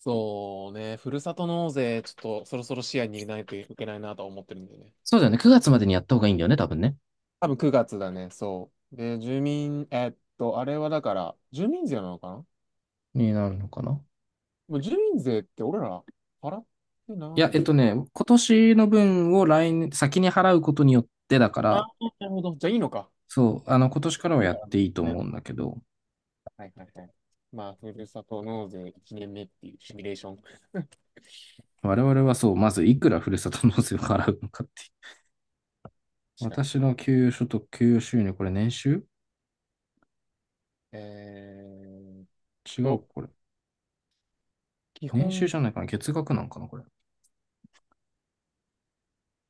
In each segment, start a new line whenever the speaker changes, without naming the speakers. そうね、ふるさと納税、ちょっとそろそろ視野に入れないといけないなとは思ってるんでね。
そうだよね。9月までにやった方がいいんだよね、多分ね。
多分9月だね、そう。で、住民、あれはだから、住民税なのかな。
になるのかな。
もう住民税って俺ら払って
い
な
や、
い。
今年の分を来年、先に払うことによってだか
ああ、
ら、
なるほど。じゃあいいのか。
そう、今年からはやっていいと思う
ね、
んだけど、
はいはいはい。まあ、ふるさと納税1年目っていうシミュレーション。確
我々はそう、まずいくらふるさと納税を払うのかっていう。
かに。
私の給与所得、給与収入、これ年収
えーっ
違う
と、
か、これ。
基
年収
本、
じゃないかな。月額なんかな、これ。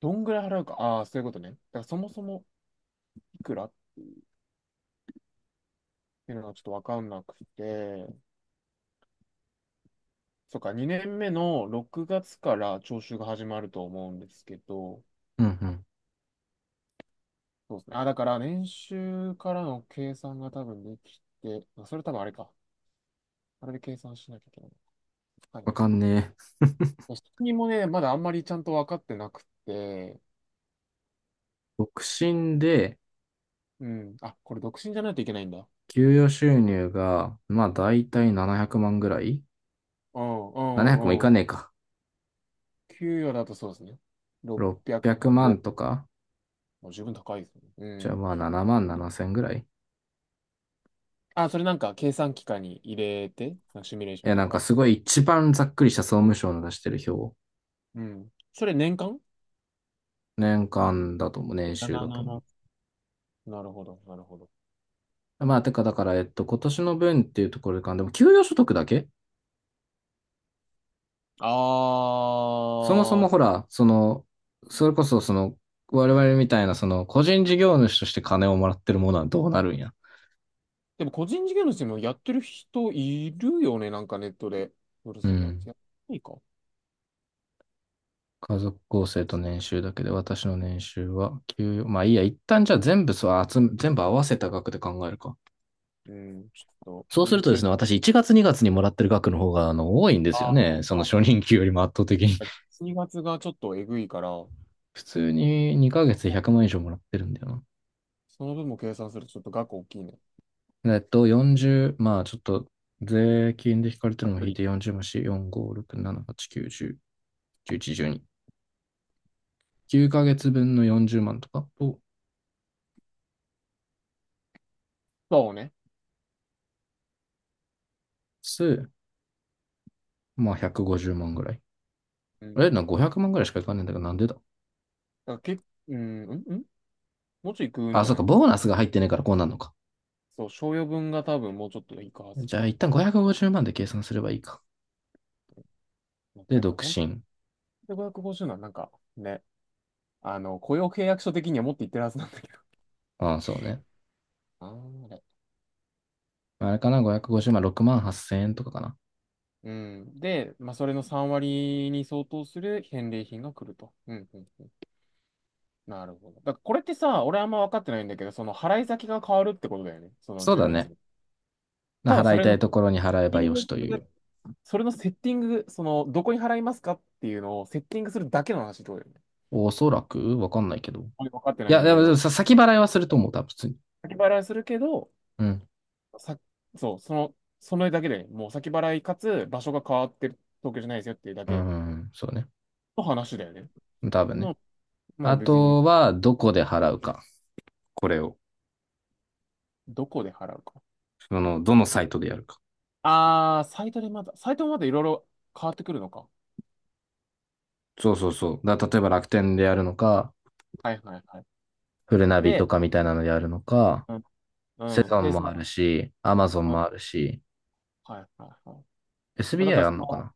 どんぐらい払うか。ああ、そういうことね。だからそもそもいくらっていうのがちょっとわかんなくて、そっか、2年目の6月から徴収が始まると思うんですけど、
うんうん。
そうですね。あ、だから年収からの計算が多分できて、まあそれ多分あれか。あれで計算しなきゃいけない。はい
わか
はい。
んねえ。
独身もね、まだあんまりちゃんと分かってなくて、
独身で、
うん。あ、これ独身じゃないといけないんだ。
給与収入が、まあ、だいたい700万ぐらい
うんう
?700 もい
んう
か
ん。
ねえか。
給与だとそうですね。600
600
万ぼ。
万とか、
もう十分高いですね。
じ
う
ゃあ
ん。
まあ7万7千ぐらい。
あ、それなんか計算機械に入れて、なんかシミュレーショ
え、
ンと
なんか
か。
すごい一番ざっくりした総務省の出してる表。
うん。それ年間？
年間だと思う。年収だと思
777。 なるほど、なるほど。
う。まあ、てかだから、今年の分っていうところでか、でも給与所得だけ。
あ
そもそも
ー、
ほら、それこそ我々みたいな個人事業主として金をもらってるものはどうなるんや。
でも個人事業主もやってる人いるよね、なんかネットで。ブル
う
さんの、
ん。
や、いいか。
家族構成と年収だけで、私の年収は給与、まあいいや、一旦じゃあ全部そう、全部合わせた額で考えるか。
うん、ちょっと
そうするとです
YouTube、
ね、私1月2月にがつにもらってる額の方が多いんですよ
あー、
ね。そ
そ
の初任給よりも圧倒的に。
うか。2月がちょっとえぐいから、
普通に2ヶ月で100万以上もらってるんだよ
その分も計算するとちょっと額大きいね。
な。40、まあちょっと税金で引かれてるのを
隔
引い
離。
て40万し、4、5、6、7、8、9、10、11、12。9ヶ月分の40万とかと、
そうね。
数、まあ150万ぐらい。
う
あ
ん。
れな、500万ぐらいしかいかねえんだけど、なんでだ。
だからけ、うん、うん、うん、もうちょい食うん
あ、
じゃ
そう
な
か、
い。
ボーナスが入ってねえからこうなるのか。
そう、賞与分が多分もうちょっといくはず。
じゃあ一旦550万で計算すればいいか。
なん
で、
だか、
独
本当
身。
で550なんなんかね、あの、雇用契約書的には持っていってるはずなんだけど。
ああ、そうね。
あー、
あれかな、550万、6万8千円とかかな。
うん。で、まあ、それの3割に相当する返礼品が来ると。うんうんうん。なるほど。だからこれってさ、俺あんま分かってないんだけど、その払い先が変わるってことだよね。その
そう
住
だ
民
ね。
税。ただ、
払いたいところに払え
テ
ば
ィン
よ
グ
しと
す
いう。
る、それのセッティング、その、どこに払いますかっていうのをセッティングするだけの話ってことだよね。
おそらくわかんないけど。
俺分かって
い
ない
や、
んだ
で
け
も
ど、
さ先払いはすると思う、多分普通に。
先払いするけど、
うん。
さ、そう、その、それだけで、もう先払いかつ場所が変わってる東京じゃないですよっていうだ
う
け
ん、そうね。
の話だよね。
多
そ
分
ん
ね。
な、も
あ
う別に、
とは、どこで払うか。これを。
どこで払うか。
どのサイトでやるか。
ああ、サイトもまだいろいろ変わってくるのか。
そうそうそう。例えば楽天でやるのか、
はいはいはい。
フルナビと
で、
かみたいなのでやるのか、
うん、
セ
うん。
ゾン
で、そ
もあ
の、
るし、アマゾン
うん、
もあるし、
はいはいはい。まあだか
SBI
ら
あんのか
そ
な。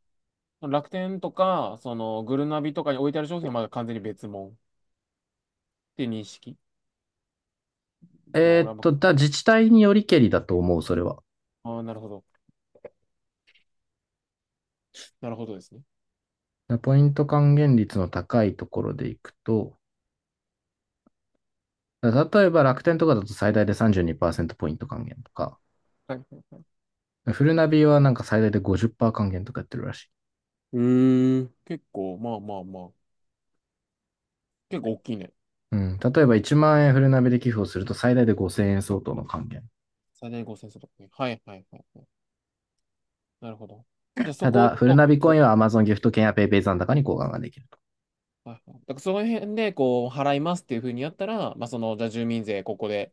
の、楽天とか、その、グルナビとかに置いてある商品はまだ完全に別物っていう認識。まあ、俺はま
自治体によりけりだと思う、それは。
あ、あーなるほど。なるほどですね。
ポイント還元率の高いところでいくと、例えば楽天とかだと最大で32%ポイント還元とか、
はい。
フルナビはなんか最大で50%還元とかやってるらしい。
うーん。結構、まあまあまあ。結構大きいね。
うん、例えば1万円フルナビで寄付をすると最大で5000円相当の還元。
最大5 0 0とかね。はいはいはいはい。なるほど。じゃあそ
た
こを
だ、
結
フルナビコイ
構、
ンは Amazon ギフト券や PayPay 残高に交換ができると。
はいはい。だからその辺で、こう、払いますっていうふうにやったら、まあ、その、じゃあ住民税ここで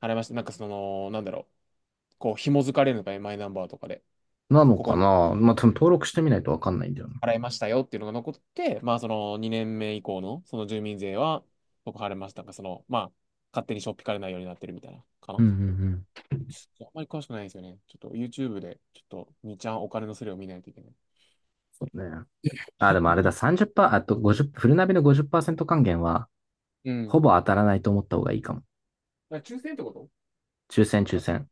払いました。なんかその、なんだろう。こう、紐づかれるのかね、マイナンバーとかで。
なの
こ
か
こに
な。まあ、登録してみないとわかんないんだよな。
払いましたよっていうのが残って、まあ、その、2年目以降の、その住民税は、僕払いましたが、その、まあ、勝手にしょっぴかれないようになってるみたいな、か
うん
な。
うんうん。
あんまり詳しくないんですよね。ちょっと YouTube で、ちょっと、にちゃんお金のスレを見ないといけない。
そうね。あ、でもあれだ、30%、あと50、フルナビの50%還元は、
う
ほ
ん。
ぼ当たらないと思った方がいいかも。
だから抽選ってこと。
抽選
ま
抽
た
選。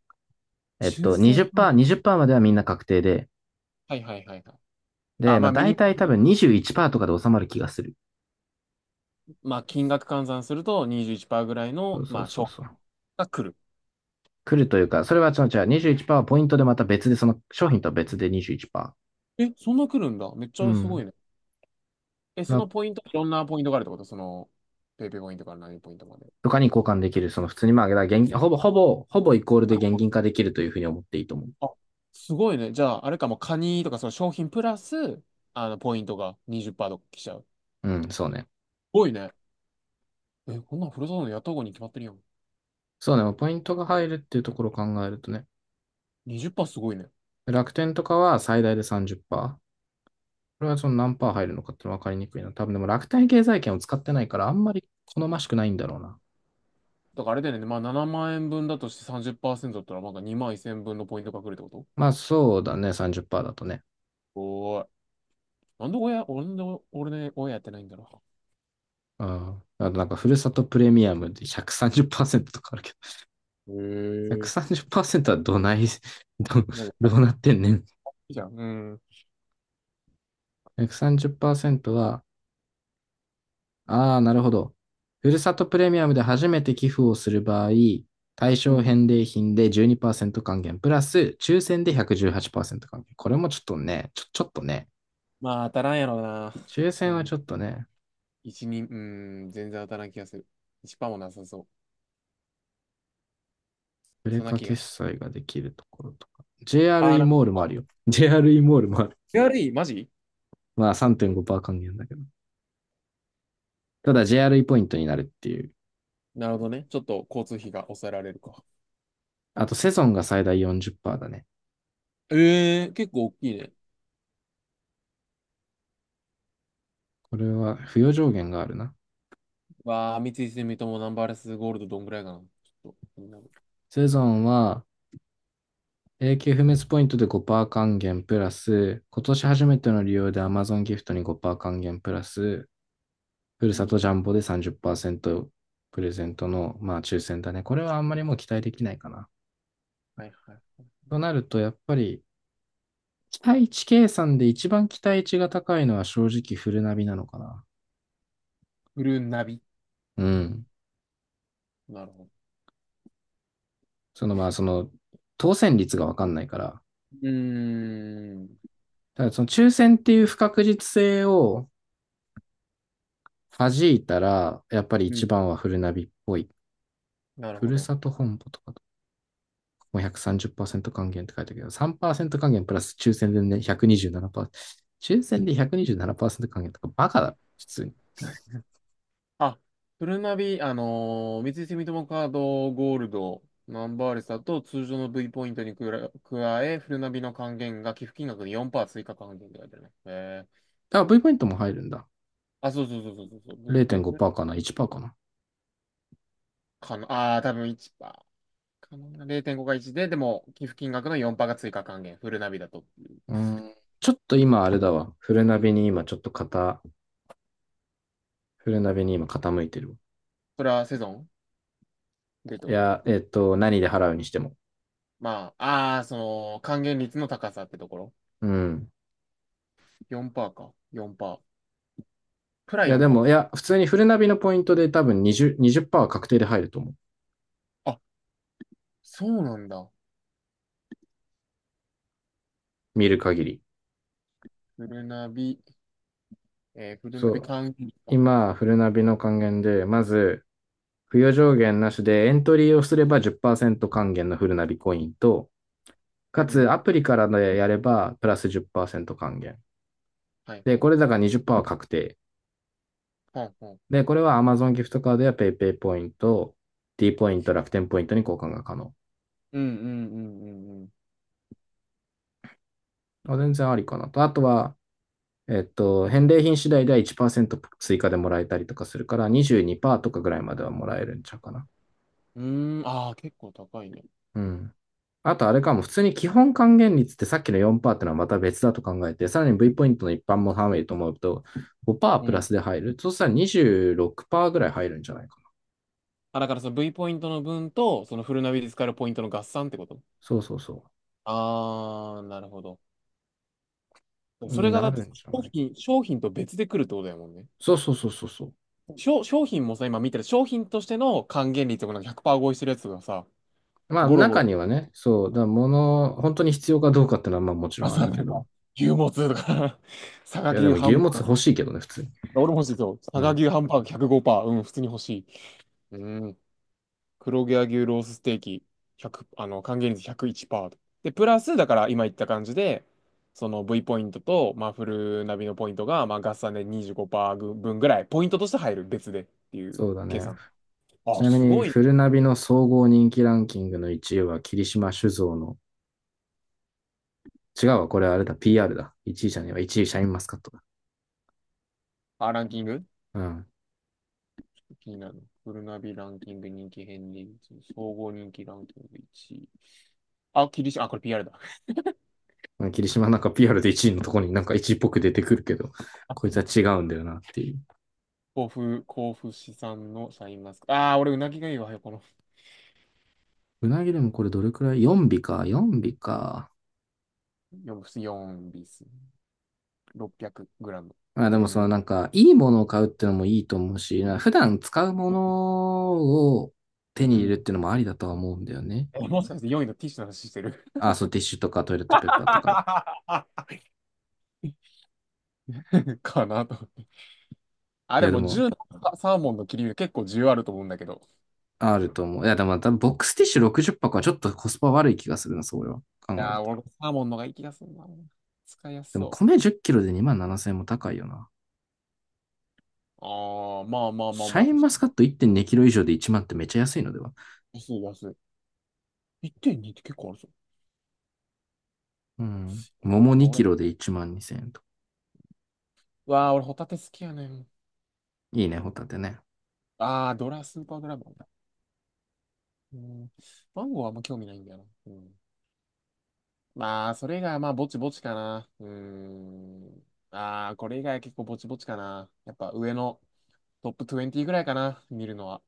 抽選は、
20%、20%まではみんな確定で、
はいはいはいはい。あ、
で、ま
ま
あ
あ、ミニ
大
マ
体多
ム、
分21%とかで収まる気がする。
まあ、金額換算すると21%ぐらい
そ
の、
うそ
ま
う
あ、
そう
賞金
そう。
が来る。
来るというか、それは違う違う、21%はポイントでまた別で、その商
あ、
品とは別で21%。
え、そんな来るんだ。めっち
う
ゃすご
ん。
いね。え、そのポイント、いろんなポイントがあるってことその、ペイペイポイントから何ポイントまで。
とかに交換できる、その普通にまあ、現金、ほぼ、ほぼ、ほぼイコールで
あ、
現
ほんと、
金化できるというふうに思っていいと思う。
あ、すごいね。じゃあ、あれかも、カニとかその商品プラス、あの、ポイントが20%とか来ちゃう。す
うん、そうね。
ごいね。え、こんなんふるさとのやった方がに決まってるやん。
そうね、ポイントが入るっていうところを考えるとね。
20%すごいね。
楽天とかは最大で30%。これはその何パー入るのかっての分かりにくいな。多分でも楽天経済圏を使ってないからあんまり好ましくないんだろうな。
だからあれだよね。まあ、7万円分だとして30%だったら、なんか2万1000分のポイントが来るってこと。
まあそうだね、30%だとね。
おーい。なんで親、俺の、俺ね、親やってないんだろう。
うん。あとなんか、ふるさとプレミアムで130%とかあるけど、
へ え。
130%はどない、ど、
もう、い
どうなってんねん。
いじゃん。うん。
130%は、ああ、なるほど。ふるさとプレミアムで初めて寄付をする場合、対
う
象
ん。
返礼品で12%還元、プラス抽選で118%還元。これもちょっとね、ちょっとね、
まあ、当たらんやろうな。
抽
う
選は
ん。
ちょっとね、
1、人うん、全然当たらん気がする。1%もなさそう。
プレ
そんな
カ
気
決
が。
済ができるところとか。
あー、
JRE
なんか、
モールもあるよ。JRE モールもある。
エーアールイーマジ、
まあ3.5%還元だけど。ただ JRE ポイントになるっていう。
なるほどね。ちょっと交通費が抑えられるか。
あとセゾンが最大40%だね。
ええ結構大きいね。
これは付与上限があるな。
わあ、三井住友ナンバーレスゴールドどんぐらいかな。ちょっと、気になる。
セゾンは永久不滅ポイントで5%還元プラス、今年初めての利用で Amazon ギフトに5%還元プラス、ふる
う
さと
ん。
ジャンボで30%プレゼントの、まあ、抽選だね。これはあんまりもう期待できないかな。
はいはい。
となると、やっぱり期待値計算で一番期待値が高いのは正直フルナビなのかな。
フルナビ。う
う
ん、
ん。
なるほど。
そのまあその当選率が分かんないから、
うーん。
ただその抽選っていう不確実性を弾いたら、やっぱり
う
一
ん。
番はフルナビっぽい。
なる
ふ
ほ
る
ど。
さと本舗とかと、もう3 0還元って書いてあるけど、3%還元プラス抽選でね、127%。抽選で127%還元とかバカだ、普通に。
あ、フルナビ、三井住友カードゴールド、ナンバーレスだと通常の V ポイントにくら加え、フルナビの還元が寄付金額に4%追加還元って書いてあるね。えー、
だから V ポイントも入るんだ。
あ、そうそうそうそうそうそう、V ポイントね
0.5%かな ?1% かな。
かな、あー、多分1%かな。0.5が1で、でも寄付金額の4%が追加還元、フルナビだと。
うーん。ちょっと今あれだわ。フルナビに今傾いてるわ。
それはセゾンでって
い
こと、
や、何で払うにしても。
まあ、あー、その、還元率の高さってところ。
うん。
4%か。4%。プラ
いや、でも、い
4%。
や、普通にフルナビのポイントで多分20、20%は確定で入ると思う。
あ、そうなんだ。
見る限り。
フルナビ。えー、
そ
ナビ
う。
缶切りか。
今、フルナビの還元で、まず、付与上限なしでエントリーをすれば10%還元のフルナビコインと、
う
かつア
ん。
プリからでやればプラス10%還元。
はい
で、
はい。
これだから20%は確定。
ほんほんほ
で、
ん。
これは Amazon ギフトカードや PayPay ポイント、D ポイント、楽天ポイントに交換が可能。
うんうんうんうん
あ全然ありかなと。あとは、返礼品次第では1%追加でもらえたりとかするから22%とかぐらいまではもらえるんちゃうかな。
うん。うーん、ああ、結構高いね。
うん。あとあれかも、普通に基本還元率ってさっきの4%ってのはまた別だと考えて、さらに V ポイントの一般も含めると思うと5%
う
プ
ん。
ラスで入る。そうしたら26%ぐらい入るんじゃないか。
あ、だからその V ポイントの分と、そのフルナビで使えるポイントの合算ってこと。
そうそうそ
ああー、なるほど。
う。
そ
に
れがだ
な
って
るんじゃ
商
ないか。
品、商品と別で来るってことだもんね。
そうそうそうそうそう。
商品もさ、今見てる商品としての還元率とかなんか100%合意してるやつがさ、
まあ
ゴロゴ
中
ロ、
にはね、そう、物、本当に必要かどうかってのはまあもちろ
あ
んあ
さ
るけ
なんか、
ど。
牛もつとか、佐賀
いやで
牛
も
ハ
牛
ン
も
バ
つ
ー
欲
グ。
しいけどね、普通に。
俺も欲しいぞ。佐
う
賀
ん。
牛ハンバーグ105%。うん、普通に欲しい。うん。黒毛和牛ロースステーキ、100、あの、還元率101%。で、プラス、だから今言った感じで、その V ポイントと、まあ、フルナビのポイントが、まあ、合算で25%分ぐらい、ポイントとして入る、別でっていう
そうだ
計
ね。
算。
ち
あ、
なみ
す
に、
ごい。
フルナビの総合人気ランキングの1位は霧島酒造の、違うわ、これあれだ、PR だ。1位じゃねえわ、1位シャインマスカットだ。
あ、ランキング
う
気になるの。フルナビランキング人気変率、総合人気ランキング1。あ、キリシ、あ、これ PR だ。
ん。霧島なんか PR で1位のところになんか1位っぽく出てくるけど、こいつは 違うんだよなっていう。
甲府、甲府市産のシャインマスカット。ああ、俺、うなぎがいいわよ、この。
うなぎでもこれどれくらい ?4 尾か、4尾か。
よんビス600グラム。うー
あ、でも
ん。
いいものを買うってのもいいと思うし、な普段使うものを手に
う
入れるっ
ん。
てのもありだとは思うんだよね。
え、もしかして4位のティッシュの話してる？
あ、そう、ティッシュとかトイレットペーパーとか。
かなと思って。あ、
い
で
や、で
も
も、
10のサーモンの切り身結構需要あると思うんだけど。
あると思う。いや、でも多分ボックスティッシュ60箱はちょっとコスパ悪い気がするな、それは。考
い
える
やー、
と。
俺サーモンのがいい気がするな。使いやす
でも
そう。
米10キロで2万7000円も高いよな。
あー、まあまあまあ
シ
ま
ャ
あ、
イ
確
ンマ
か
ス
に。
カット1.2キロ以上で1万ってめっちゃ安いのでは？
安い安い。1.2ってんにって結構あるぞ。
うん。桃
あ、
2キ
俺、
ロで1万2000円と。
うわー、俺ホタテ好きやねん。
いいね、ホタテね。
スーパードラゴンだ。うん。マンゴーはあんま興味ないんだよな。うん。まあ、それが、まあ、ぼちぼちかな。うーん。ああ、これ以外は結構ぼちぼちかな。やっぱ上のトップ20ぐらいかな、見るのは。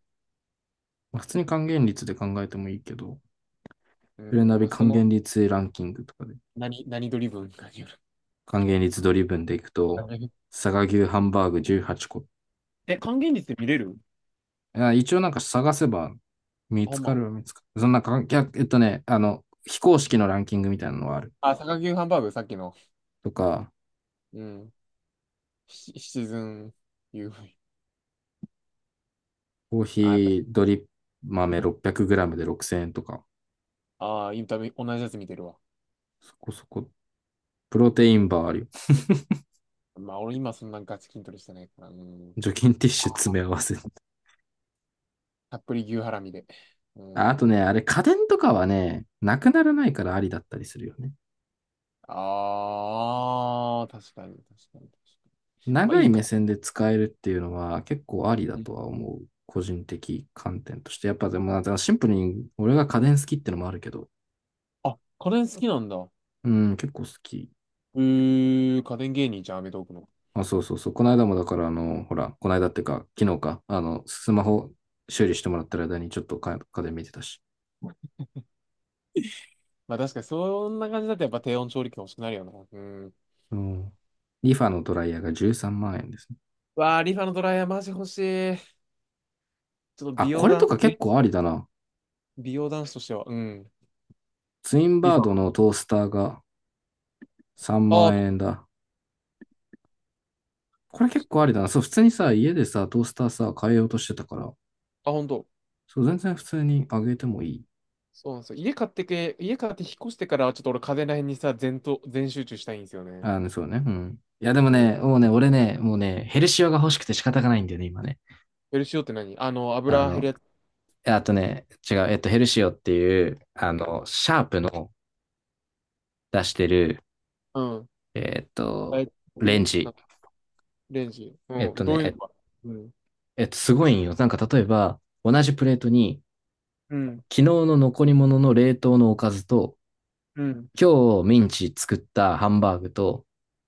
まあ普通に還元率で考えてもいいけど、
う
プレナ
ん、ま
ビ
あ、そ
還
の、
元率ランキングとかで、
何ドリブンかによる。
還元率ドリブンでいくと、佐賀牛ハンバーグ18個。
え、還元率で見れる？
いや一応なんか探せば見
あ、ほ
つ
ん
か
ま。
るは見つかる。そんな関非公式のランキングみたいなのはある。
あ、坂牛ハンバーグ、さっきの。
とか、
うん。シチズン u。
コーヒ
あ、やっぱ。
ードリップ豆 600g で6000円とか、
ああ、インタビュー、同じやつ見てるわ。
そこそこ、プロテインバーあるよ。
まあ、俺今そんなガチ筋トレしてないから。うん。
除菌ティッシュ詰め合わせ。
たっぷり牛ハラミで。う
ああと
ん。
ね、あれ家電とかはね、なくならないからありだったりするよね。
ああ、確かに、確かに、確かに。まあ、
長
い
い
い。
目線で使えるっていうのは結構ありだ
うん。
とは思う。個人的観点として。やっぱでも、シンプルに俺が家電好きってのもあるけど、
あ、家電好きなんだ。
うん、結構好き。
家電芸人じゃん、アメトーークの。
あ、そうそうそう。この間もだから、この間っていうか、昨日か、スマホ修理してもらってる間にちょっとか家で見てたし。
まあ確かにそんな感じだとやっぱ低温調理器欲しくなるよな。うん。
うん。リファのドライヤーが13万円ですね。
わあ、リファのドライヤーマジ欲しい。ちょっと
あ、これとか結構ありだな。
美容男子としては、うん。
ツイン
リ
バー
フ
ド
ァ。
のトースターが3
ああ、ち
万円
ょ
だ。これ結
っ
構あ
と。
りだな。そう、普通にさ、家でさ、トースターさ、変えようとしてたから、
あ、本当。
そう、全然普通にあげてもいい。
そうなんですよ。家買って引っ越してからはちょっと俺家電ら辺にさ、全集中したいんですよね。
そうね。うん。いや、でも
うん。
ね、もうね、ヘルシオが欲しくて仕方がないんだよね、今ね。
ヘルシオって何？あの、
あ
油減るや
の、
つ？
あとね、違う、えっと、ヘルシオっていう、シャープの出してる、
うん。
えっ
あ
と、
れ
レン
系
ジ。
な、レンジ。
えっ
うん。
と
ど
ね、
ういうの
え
か。うん。
すごいんよ。なんか、例えば、同じプレートに、
うん。
昨日の残り物の冷凍のおかずと、
うん。
今日ミンチ作ったハンバーグと、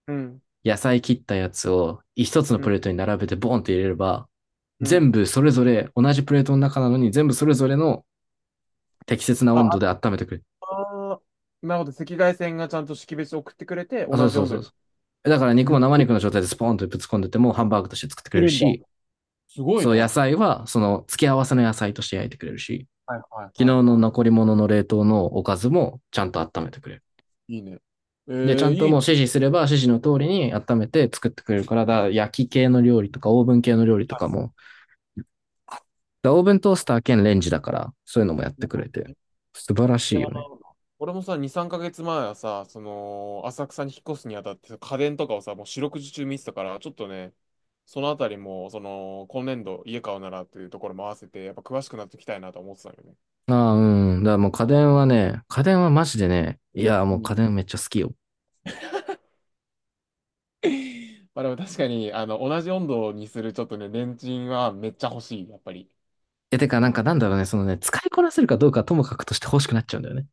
うん。
野菜切ったやつを一つの
う
プ
ん。
レートに並べてボンって入れれば、
う
全
ん。
部それぞれ同じプレートの中なのに全部それぞれの適切な
あ、
温度で温めてくれる。
なるほど。赤外線がちゃんと識別送ってくれて、
あ、そ
同
う
じ
そう
温
そ
度
う、
に。
だから肉
言
も生
っ
肉の状態でスポーンとぶつ込んでてもハンバーグとして作ってく
て
れる
るんだ。
し、
すごい
そう野
ね。
菜はその付け合わせの野菜として焼いてくれるし、
はいはい
昨日
はい
の
は
残り物の冷凍のおかずもちゃんと温めてくれる。
い。いいね。
で、ちゃん
い
と
い
も
ね。
う指示すれば指示の通りに温めて作ってくれるから、だ焼き系の料理とかオーブン系の料理と
は
かも、だオーブントースター兼レンジだから、そういうのもやってくれて、
い。い
素晴らしい
や、
よね。
俺もさ、2、3ヶ月前はさ、その、浅草に引っ越すにあたって、家電とかをさ、もう四六時中見てたから、ちょっとね、そのあたりも、その、今年度家買うならっていうところも合わせて、やっぱ詳しくなっていきたいなと思ってたよね。
ああ、うん。だからもう家電はね、家電はマジでね、いや、もう家電めっちゃ好きよ。
まあでも確かに、あの、同じ温度にするちょっとね、レンチンはめっちゃ欲しい、やっぱり。
え、てか、
う
なんか
ん。
なんだろうね、そのね、使いこなせるかどうかはともかくとして欲しくなっちゃうんだよね。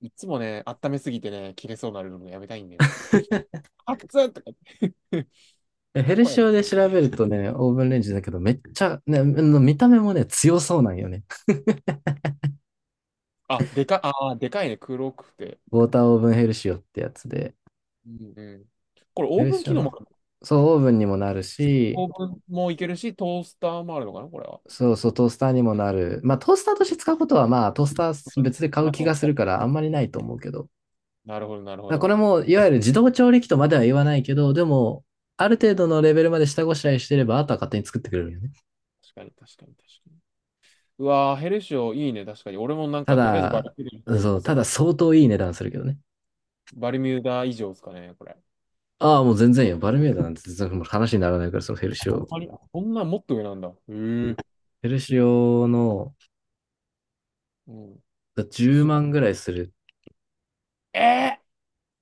いつもね、温めすぎてね、切れそうになるのもやめたいんだよ。熱っとか言って。
え ヘ
なん
ル
こ
シ
れ。
オで調べるとね、オーブンレンジだけど、めっちゃ、ね、の見た目もね、強そうなんよね。
あ、でかいね、黒くて。
ウォーターオーブンヘルシオってやつで。
うん、うん。これ、
ヘ
オー
ル
ブン
シオ
機能
の、
もあるの？
そう、オーブンにもなる
オ
し、
ーブンもいけるし、トースターもあるのかな、これは。
そうそう、トースターにもなる。まあ、トースターとして使うことは、まあ、トースター別で買
な
う
る
気
ほ
がする
ど、
から、あんまりないと思うけど。だか
なるほど。なるほ
らこ
ど。
れも、いわゆる自動調理器とまでは言わないけど、でも、ある程度のレベルまで下ごしらえしてれば、あとは勝手に作ってくれるよね。
確かに、確かに、確かに。うわー、ヘルシオいいね、確かに。俺もなん
た
か、とりあえずバリ
だ、
ミューダに行こうと
そ
思っ
う、
てた
た
か
だ
ら。
相当いい値段するけどね。
バリミューダ以上ですかね、これ。
ああ、もう全然よ。バルミューダなんて全然もう話にならないから、そのヘルシ
ほ
オ。
んまに、こんなもっと上なんだ。へえ。
ヘルシオの
うん。
10
すご
万ぐ
っ。
らいする。
えー、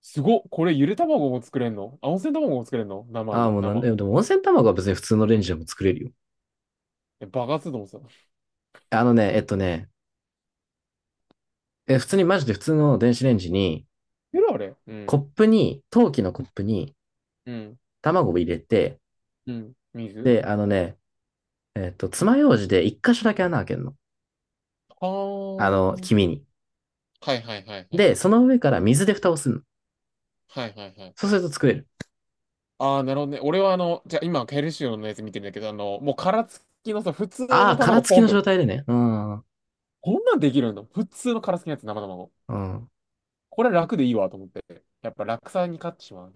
すごっ。これゆで卵も作れんの？あ、温泉卵も作れんの？生
ああ、
で、
もうなんだ
生。
よ。でも温泉卵は別に普通のレンジでも作れるよ。
え、爆発すると思ってた。
あのね、えっとね、え、普通にマジで普通の電子レンジに、
ゆるあれ、う
コッ
ん。
プに、陶器のコップに
うん。
卵を入れて、
うん。水。
で、あのね、えっと、爪楊枝で一箇所だけ穴開けるの。
は
あの、
ーん。
黄身に。
はいはいはいはい。
で、その上から水で蓋をするの。
はいはいはい。
そうすると作れる。
ああ、なるほどね。俺はあの、じゃあ今、ヘルシオのやつ見てるんだけど、あの、もう殻付きのさ、普通
あ
の
あ、殻
卵
付き
ポンっ
の
て、
状態でね。うん。
こんなんできるの？普通の殻付きのやつ、生卵。
うん。
これ楽でいいわと思って。やっぱ楽さに勝ってしまう。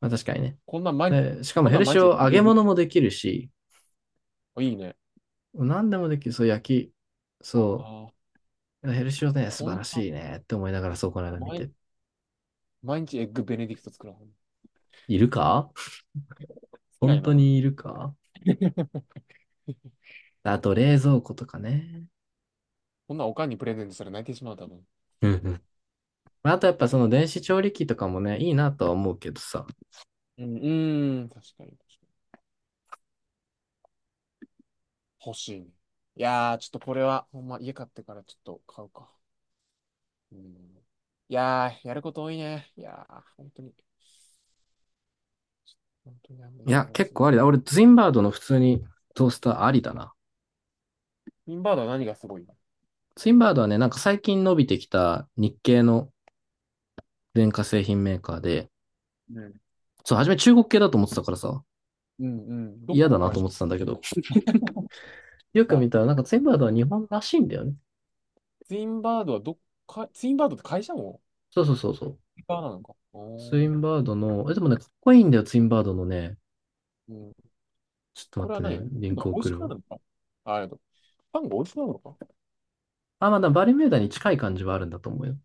まあ、確かにね。
こんなん毎日。
で、しかも
こん
ヘ
なん
ル
毎
シ
日。
オ揚げ物もできるし、
あ、いいね。
何でもできる。そう、焼き。
あ
そ
あ、
う。ヘルシオね、素
こ
晴
ん
ら
な、
しいねって思いながら、そう、この間見
毎、
て。
毎日エッグベネディクト作らん。好
いるか？
きなん
本
やな、
当
俺。
にいるか？ あと、冷蔵庫とかね。
こんなんおかんにプレゼントしたら泣いてしまう、多分。
うんうん。まああとやっぱ
や
そ
け、
の電子調理器とかもね、いいなとは思うけどさ。
うん、うーん、確かに、確かに。欲しいね。いやー、ちょっとこれは、ほんま、家買ってからちょっと買うか。うん。いやー、やること多いね。いやー、本当に、本当にあんま
い
り
や、
多
結
すぎ
構
る。
ありだ。俺、ツインバードの普通にトースターありだな。
ツインバードは何がすごいの？
ツインバードはね、なんか最近伸びてきた日系の電化製品メーカーで、
うん、
そう、初め中国系だと思ってたからさ、
うん、うん。ど
嫌
こ
だ
の
な
会
と
社？
思ってたんだけど、よく
だ
見たら、なんかツインバードは日本らしいんだよね。
ツインバードはどっか、ツインバードって会社も
そうそうそうそう。
ツインバーなのか。
ツイ
お
ン
ー。
バードの、え、でもね、かっこいいんだよ、ツインバードのね。
うん。
ちょっと
こ
待っ
れは
て
何が？パ
ね、リ
ン
ン
が
ク
美味
送
しく
る
な
わ。
るのか？あ、パンが美味しくなるのか。
あ、まあ、だバルミューダに近い感じはあるんだと思うよ。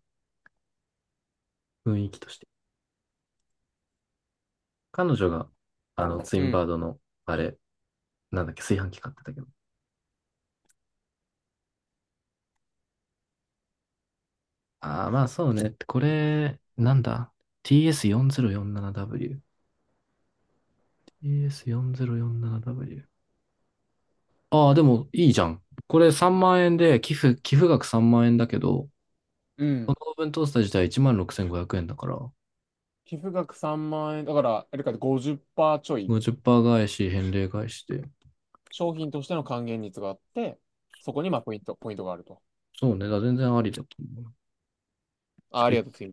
雰囲気として。彼女が、ツイ
う
ン
ん。
バードの、あれ、なんだっけ、炊飯器買ってたけど。ああ、まあそうね。これ、なんだ？ TS4047W。TS4047W。ああ、でもいいじゃん。これ3万円で、寄付額3万円だけど、
う
この
ん。
オーブントースター自体16,500円だから、
寄付額3万円、だから、あれか50%ちょい、
50%返し、返礼返しで。
商品としての還元率があって、そこにまあポイントがあると。
そうね、だから全然ありだと思う。ちょ
あ、
っ
あ
と
りが
一
とう、次。